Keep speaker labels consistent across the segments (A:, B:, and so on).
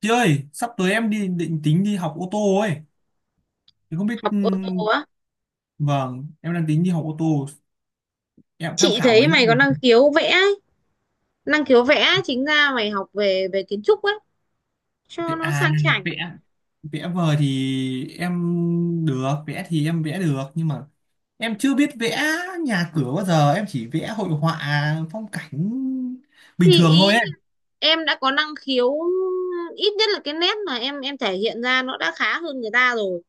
A: Chị ơi, sắp tới em đi định tính đi học ô tô ấy. Thì không biết
B: Học ô tô á?
A: vâng, em đang tính đi học ô tô. Em tham
B: Chị
A: khảo
B: thấy
A: mấy
B: mày có
A: nơi
B: năng
A: rồi.
B: khiếu vẽ ấy. Năng khiếu vẽ, chính ra mày học về về kiến trúc ấy cho nó
A: À,
B: sang chảnh.
A: vẽ vẽ vời thì em được, vẽ thì em vẽ được nhưng mà em chưa biết vẽ nhà cửa bao giờ, em chỉ vẽ hội họa phong cảnh
B: Thì
A: bình thường thôi
B: ý
A: ấy.
B: là em đã có năng khiếu, ít nhất là cái nét mà em thể hiện ra nó đã khá hơn người ta rồi,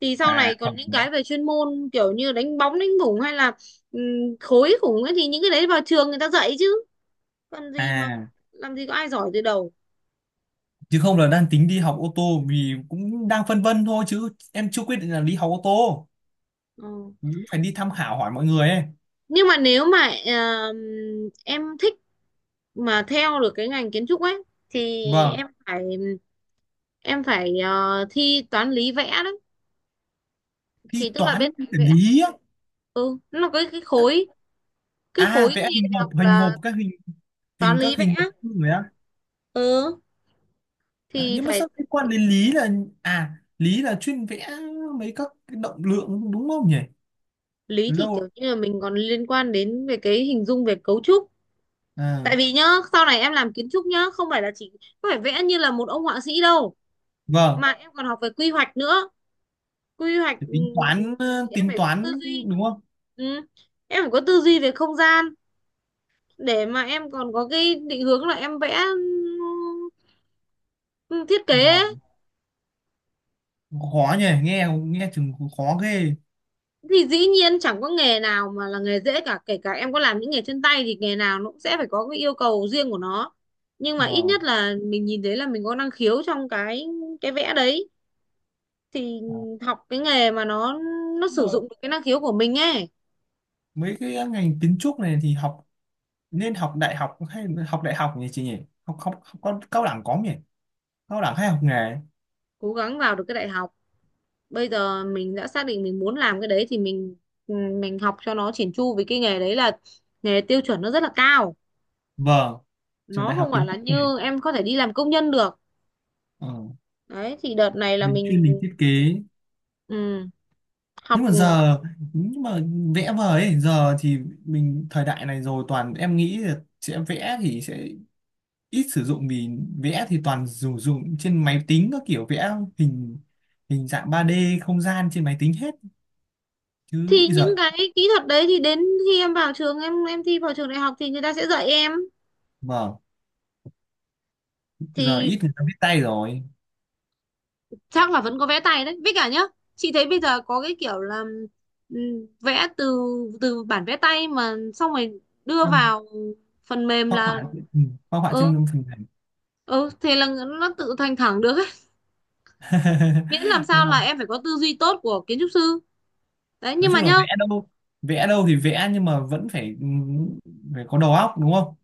B: thì sau
A: À
B: này còn những
A: không.
B: cái về chuyên môn kiểu như đánh bóng đánh bủng hay là ừm, khối khủng ấy, thì những cái đấy vào trường người ta dạy chứ, còn gì mà
A: À
B: làm gì có ai giỏi từ đầu.
A: chứ không là đang tính đi học ô tô vì cũng đang phân vân thôi chứ em chưa quyết định là đi học ô tô.
B: Ừ.
A: Cũng phải đi tham khảo hỏi mọi người ấy.
B: Nhưng mà nếu mà ờm, em thích mà theo được cái ngành kiến trúc ấy thì
A: Vâng.
B: em phải, em phải thi toán lý vẽ đấy.
A: Thi
B: Thì tức là
A: toán
B: bên
A: vật
B: cạnh vẽ,
A: lý á.
B: ừ nó có cái khối, cái
A: À
B: khối thi
A: vẽ
B: đại
A: hình hộp
B: học
A: hình hộp
B: là
A: các hình,
B: toán
A: hình
B: lý
A: các
B: vẽ.
A: hình hộp người á.
B: ừ
A: À,
B: thì
A: nhưng mà
B: phải,
A: sao liên quan đến lý là, à lý là chuyên vẽ mấy các cái động lượng đúng không nhỉ?
B: lý
A: Từ lâu
B: thì
A: rồi.
B: kiểu như là mình còn liên quan đến về cái hình dung về cấu trúc. Tại
A: À
B: vì nhá, sau này em làm kiến trúc nhá, không phải là chỉ, không phải vẽ như là một ông họa sĩ đâu,
A: vâng.
B: mà em còn học về quy hoạch nữa. Quy hoạch,
A: Phải tính toán,
B: thì em
A: tính
B: phải có tư
A: toán
B: duy.
A: đúng không?
B: Ừ. Em phải có tư duy về không gian để mà em còn có cái định hướng là em vẽ, ừ, thiết kế ấy.
A: Vâng. Khó nhỉ, nghe nghe chừng khó ghê.
B: Thì dĩ nhiên chẳng có nghề nào mà là nghề dễ cả, kể cả em có làm những nghề chân tay thì nghề nào nó cũng sẽ phải có cái yêu cầu riêng của nó. Nhưng mà ít
A: Vâng,
B: nhất là mình nhìn thấy là mình có năng khiếu trong cái vẽ đấy, thì
A: à.
B: học cái nghề mà nó
A: Nhưng mà
B: sử dụng được cái năng khiếu của mình ấy.
A: mấy cái ngành kiến trúc này thì học, nên học đại học hay học đại học nhỉ chị nhỉ? Học học cao, cao đẳng có không nhỉ, cao đẳng hay học nghề?
B: Cố gắng vào được cái đại học. Bây giờ mình đã xác định mình muốn làm cái đấy thì mình, ừ, mình học cho nó chỉn chu, vì cái nghề đấy là nghề tiêu chuẩn nó rất là cao,
A: Vâng, trường
B: nó
A: đại học
B: không phải
A: kiến
B: là
A: trúc này,
B: như em có thể đi làm công nhân được.
A: ờ,
B: Đấy, thì đợt này là
A: mình chuyên mình
B: mình,
A: thiết kế.
B: ừ,
A: Nhưng
B: học.
A: mà
B: Ừ,
A: giờ, nhưng mà vẽ vời ấy, giờ thì mình thời đại này rồi, toàn em nghĩ là sẽ vẽ thì sẽ ít sử dụng, vì vẽ thì toàn dùng dùng trên máy tính các kiểu, vẽ hình, hình dạng 3D không gian trên máy tính hết chứ
B: thì những
A: giờ.
B: cái kỹ thuật đấy thì đến khi em vào trường, em thi vào trường đại học thì người ta sẽ dạy em.
A: Vâng, giờ
B: Thì
A: ít người ta viết tay rồi.
B: chắc là vẫn có vẽ tay đấy với cả nhá. Chị thấy bây giờ có cái kiểu là ừ, vẽ từ, bản vẽ tay mà xong rồi đưa
A: Vâng,
B: vào phần mềm
A: phác
B: là,
A: họa, ừ, phác họa
B: ừ
A: trên phần
B: ừ thế là nó tự thành thẳng được ấy, miễn làm sao là
A: mềm.
B: em phải có tư duy tốt của kiến trúc sư. Đấy,
A: Nói
B: nhưng mà
A: chung là
B: nhá.
A: vẽ đâu, vẽ đâu thì vẽ nhưng mà vẫn phải, phải có đầu óc đúng không,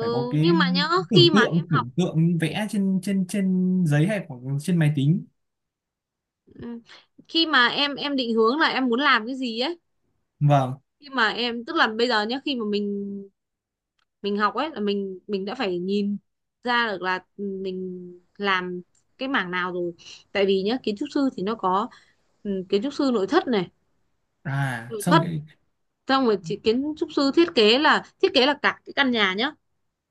A: phải có cái
B: nhưng mà nhá
A: tưởng
B: Khi mà em
A: tượng,
B: học,
A: tưởng tượng vẽ trên trên trên giấy hay hoặc trên máy tính.
B: ừ, khi mà em định hướng là em muốn làm cái gì ấy.
A: Vâng,
B: Khi mà em, tức là bây giờ nhá, khi mà mình, học ấy, là mình, đã phải nhìn ra được là, mình làm cái mảng nào rồi. Tại vì nhá, kiến trúc sư thì nó có, kiến trúc sư nội thất này,
A: à
B: nội
A: xong
B: thất.
A: rồi.
B: Xong rồi kiến trúc sư thiết kế là cả cái căn nhà nhá.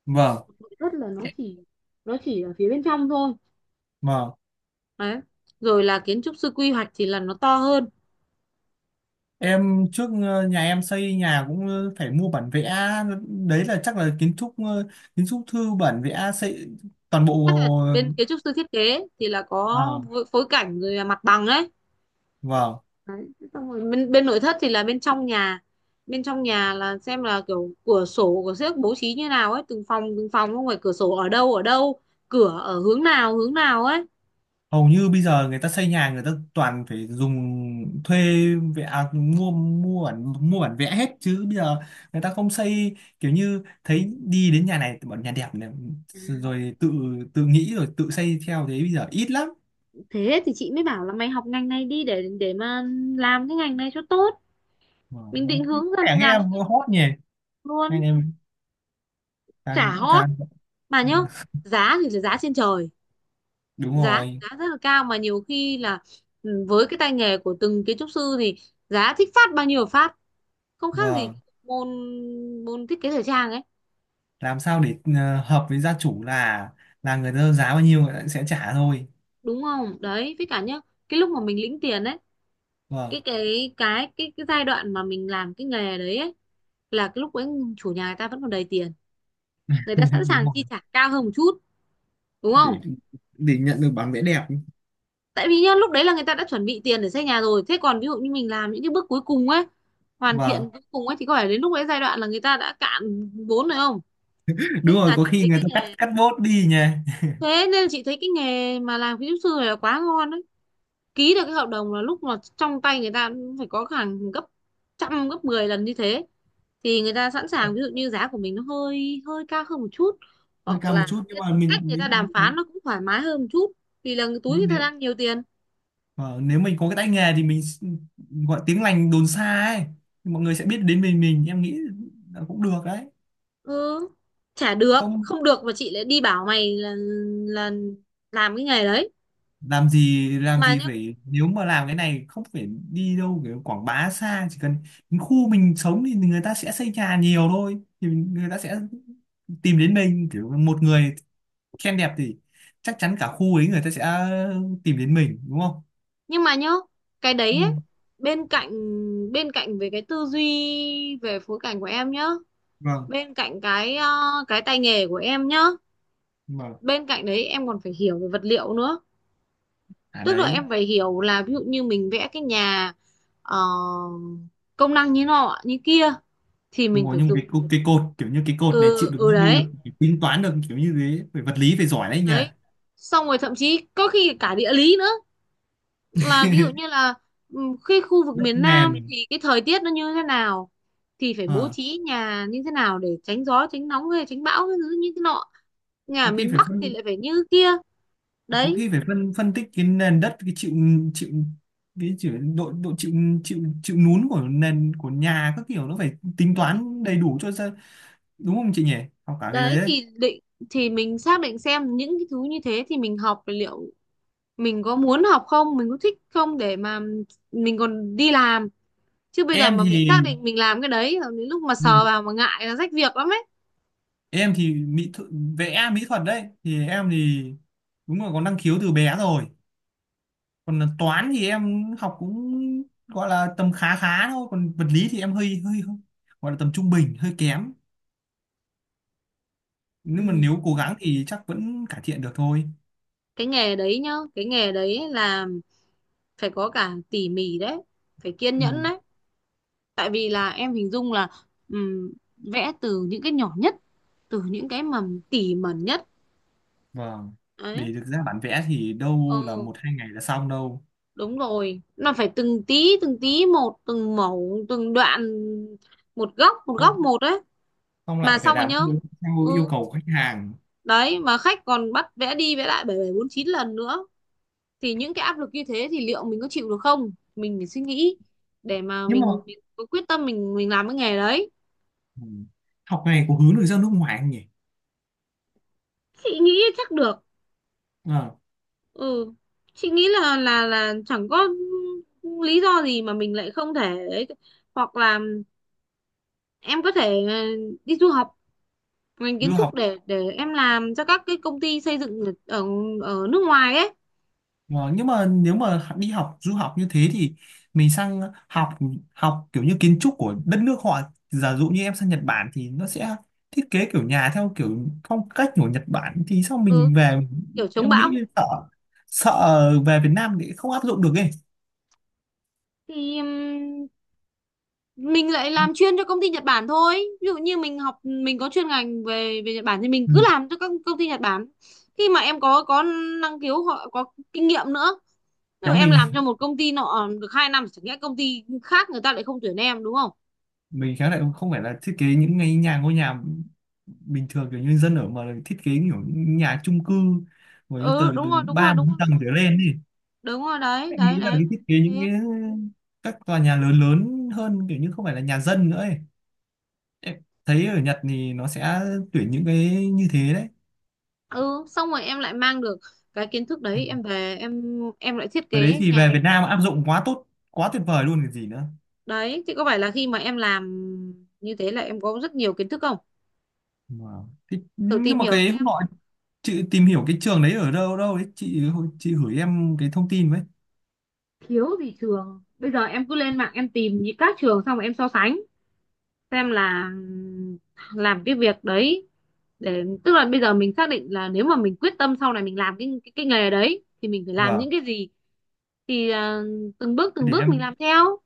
A: Vâng.
B: Nội thất là
A: E-
B: nó chỉ ở phía bên trong thôi.
A: vâng,
B: Đấy. Rồi là kiến trúc sư quy hoạch thì là nó to hơn.
A: em trước, nhà em xây nhà cũng, phải mua bản vẽ, đấy là chắc là kiến trúc, kiến trúc thư bản vẽ xây toàn bộ.
B: Chắc là
A: Ờ,
B: bên kiến trúc sư thiết kế thì là có
A: à
B: phối phối cảnh rồi là mặt bằng ấy.
A: vâng.
B: Đấy. Xong rồi bên bên nội thất thì là bên trong nhà. Bên trong nhà là xem là kiểu cửa sổ của xếp bố trí như nào ấy, từng phòng từng phòng, không phải cửa sổ ở đâu ở đâu, cửa ở hướng nào ấy.
A: Hầu như bây giờ người ta xây nhà người ta toàn phải dùng, thuê vẽ, à, mua mua bản vẽ hết chứ bây giờ người ta không xây kiểu như thấy đi đến nhà này, bọn nhà đẹp này, rồi tự tự nghĩ rồi tự xây theo, thế bây giờ ít lắm.
B: Thế thì chị mới bảo là mày học ngành này đi, để mà làm cái ngành này cho tốt.
A: Mà
B: Mình định
A: có
B: hướng ra
A: vẻ
B: mình
A: nghe
B: làm
A: em hot nhỉ anh
B: luôn.
A: em,
B: Chả
A: càng
B: hot
A: càng,
B: mà
A: ừ,
B: nhá, giá thì là giá trên trời.
A: đúng
B: giá
A: rồi.
B: giá rất là cao, mà nhiều khi là, với cái tay nghề của từng kiến trúc sư thì giá thích phát bao nhiêu phát, không khác gì
A: Vâng,
B: môn môn thiết kế thời trang ấy,
A: làm sao để, hợp với gia chủ là người ta giá bao nhiêu người ta sẽ trả thôi.
B: đúng không? Đấy với cả nhá, cái lúc mà mình lĩnh tiền ấy,
A: Vâng.
B: cái giai đoạn mà mình làm cái nghề đấy ấy, là cái lúc ấy chủ nhà người ta vẫn còn đầy tiền, người ta sẵn
A: Đúng
B: sàng chi
A: rồi,
B: trả cao hơn một chút, đúng không?
A: để để nhận được bản vẽ đẹp.
B: Tại vì nhá, lúc đấy là người ta đã chuẩn bị tiền để xây nhà rồi, thế còn ví dụ như mình làm những cái bước cuối cùng ấy, hoàn thiện
A: Vâng,
B: cuối cùng ấy, thì có phải đến lúc đấy, giai đoạn là người ta đã cạn vốn rồi không?
A: đúng
B: Nên
A: rồi,
B: là
A: có
B: chị
A: khi
B: thấy
A: người
B: cái
A: ta cắt,
B: nghề
A: cắt bốt đi nhỉ.
B: Thế nên chị thấy cái nghề mà làm kiến trúc sư này là quá ngon đấy. Ký được cái hợp đồng là lúc mà trong tay người ta cũng phải có hàng gấp trăm gấp 10 lần như thế, thì người ta sẵn sàng, ví dụ như giá của mình nó hơi hơi cao hơn một chút,
A: Hơi
B: hoặc
A: cao một
B: là
A: chút nhưng
B: cái
A: mà mình
B: cách người ta đàm phán nó cũng thoải mái hơn một chút, vì là túi người
A: nhưng
B: ta
A: nếu,
B: đang nhiều tiền.
A: ờ, nếu mình có cái tay nghề thì gọi tiếng lành đồn xa ấy, thì mọi người sẽ biết đến mình em nghĩ là cũng được đấy.
B: Ừ, chả được
A: Không,
B: không được mà chị lại đi bảo mày là làm cái nghề đấy.
A: làm gì, làm
B: Mà
A: gì
B: nhá,
A: phải, nếu mà làm cái này không phải đi đâu kiểu quảng bá xa, chỉ cần đến khu mình sống thì người ta sẽ xây nhà nhiều thôi, thì người ta sẽ tìm đến mình, kiểu một người khen đẹp thì chắc chắn cả khu ấy người ta sẽ tìm đến mình đúng không.
B: nhưng mà nhá, cái đấy ấy,
A: Ừ.
B: bên cạnh bên cạnh về cái tư duy, về phối cảnh của em nhá,
A: Vâng,
B: bên cạnh cái cái tay nghề của em nhá,
A: mà
B: bên cạnh đấy em còn phải hiểu về vật liệu nữa.
A: à
B: Tức là
A: đấy.
B: em phải hiểu là, ví dụ như mình vẽ cái nhà, ờ, công năng như nọ như kia thì
A: Đúng
B: mình
A: rồi,
B: phải
A: nhưng
B: dùng,
A: cái cột kiểu như cái cột này chịu được
B: ừ
A: bao nhiêu
B: đấy,
A: lực phải tính toán được kiểu như thế, phải vật lý phải giỏi đấy nhỉ.
B: đấy. Xong rồi thậm chí có khi cả địa lý nữa, là ví dụ như là, ừ, cái khu vực
A: Đất
B: miền Nam
A: nền.
B: thì cái thời tiết nó như thế nào, thì phải bố
A: Ờ,
B: trí nhà như thế nào để tránh gió tránh nóng hay tránh bão cái thứ như thế nọ. Nhà ở
A: có khi
B: miền
A: phải
B: Bắc thì
A: phân,
B: lại phải như kia.
A: có
B: Đấy,
A: khi phải phân phân tích cái nền đất, cái chịu, chịu, cái chịu độ, độ chịu, chịu nún của nền của nhà các kiểu, nó phải tính
B: đấy,
A: toán đầy đủ cho ra đúng không chị nhỉ, học cả cái
B: đấy.
A: đấy, đấy.
B: Thì mình xác định xem những cái thứ như thế thì mình học, liệu mình có muốn học không, mình có thích không, để mà mình còn đi làm. Chứ bây giờ
A: Em
B: mà mình xác
A: thì,
B: định mình làm cái đấy rồi, đến lúc mà
A: ừ,
B: sờ vào mà ngại là rách việc lắm ấy.
A: em thì mỹ thuật, vẽ mỹ thuật đấy thì em thì đúng là có năng khiếu từ bé rồi. Còn là toán thì em học cũng gọi là tầm khá khá thôi, còn vật lý thì em hơi hơi, gọi là tầm trung bình hơi kém, nhưng mà
B: Ừ,
A: nếu cố gắng thì chắc vẫn cải thiện được thôi.
B: cái nghề đấy nhá, cái nghề đấy là phải có cả tỉ mỉ đấy, phải kiên
A: Ừ,
B: nhẫn đấy. Tại vì là em hình dung là, ừm, vẽ từ những cái nhỏ nhất, từ những cái mà tỉ mẩn nhất
A: vâng,
B: đấy.
A: để được ra bản vẽ thì
B: ờ
A: đâu là một hai ngày là xong đâu.
B: Đúng rồi, nó phải từng tí một, từng mẩu từng đoạn, một góc một góc
A: Không,
B: một, đấy.
A: không,
B: Mà
A: lại phải
B: xong rồi
A: làm
B: nhá,
A: theo, theo yêu
B: ừ
A: cầu của khách hàng.
B: đấy, mà khách còn bắt vẽ đi vẽ lại bảy bảy bốn chín lần nữa, thì những cái áp lực như thế thì liệu mình có chịu được không? Mình phải suy nghĩ để mà
A: Nhưng mà,
B: mình có quyết tâm mình làm cái nghề đấy.
A: ừ, học này có hướng được ra nước ngoài không nhỉ?
B: Chị nghĩ chắc được.
A: À,
B: ừ chị nghĩ là chẳng có lý do gì mà mình lại không thể ấy. Hoặc là em có thể đi du học ngành kiến
A: du
B: trúc
A: học.
B: để em làm cho các cái công ty xây dựng ở ở nước ngoài ấy.
A: Ờ, nhưng mà nếu mà đi học du học như thế thì mình sang học, học kiểu như kiến trúc của đất nước họ, giả dụ như em sang Nhật Bản thì nó sẽ thiết kế kiểu nhà theo kiểu phong cách của Nhật Bản thì sao
B: Ừ,
A: mình về,
B: kiểu chống
A: em nghĩ
B: bão.
A: sợ, sợ về Việt Nam thì không áp dụng được ấy.
B: Thì mình lại làm chuyên cho công ty Nhật Bản thôi. Ví dụ như mình học mình có chuyên ngành về về Nhật Bản thì mình
A: Ừ.
B: cứ làm cho các công ty Nhật Bản. Khi mà em có năng khiếu, họ có kinh nghiệm nữa. Nếu
A: Kéo
B: mà em
A: mình
B: làm cho một công ty nọ được 2 năm, chẳng nhẽ công ty khác người ta lại không tuyển em, đúng không?
A: mình khéo lại không phải là thiết kế những cái nhà, ngôi nhà bình thường kiểu như dân ở, mà là thiết kế kiểu những nhà chung cư rồi từ
B: Ừ, đúng
A: từ
B: rồi, đúng rồi,
A: ba
B: đúng
A: bốn
B: rồi,
A: tầng trở lên ấy.
B: đúng rồi, đấy,
A: Em
B: đấy,
A: nghĩ là
B: đấy.
A: cái thiết kế những
B: Thế.
A: cái các tòa nhà lớn, lớn hơn kiểu như không phải là nhà dân nữa ấy. Em thấy ở Nhật thì nó sẽ tuyển những cái như thế đấy.
B: Ừ, xong rồi em lại mang được cái kiến thức
A: Ừ.
B: đấy em về, em lại thiết
A: Cái
B: kế
A: đấy thì về
B: nhà.
A: Việt Nam áp dụng quá tốt, quá tuyệt vời luôn cái gì nữa.
B: Đấy thì có phải là khi mà em làm như thế là em có rất nhiều kiến thức không?
A: Wow. Thế,
B: Thử
A: nhưng
B: tìm
A: mà
B: hiểu
A: cái hôm
B: xem,
A: nọ chị tìm hiểu cái trường đấy ở đâu đâu đấy chị gửi em cái thông tin với.
B: thiếu gì trường bây giờ, em cứ lên mạng em tìm những các trường xong rồi em so sánh xem là, làm cái việc đấy, để tức là bây giờ mình xác định là nếu mà mình quyết tâm sau này mình làm cái nghề đấy thì mình phải làm
A: Vâng.
B: những cái gì. Thì
A: Thế
B: từng
A: để
B: bước mình
A: em,
B: làm theo.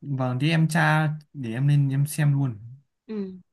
A: vâng thì em tra để em lên em xem luôn.
B: Ừ.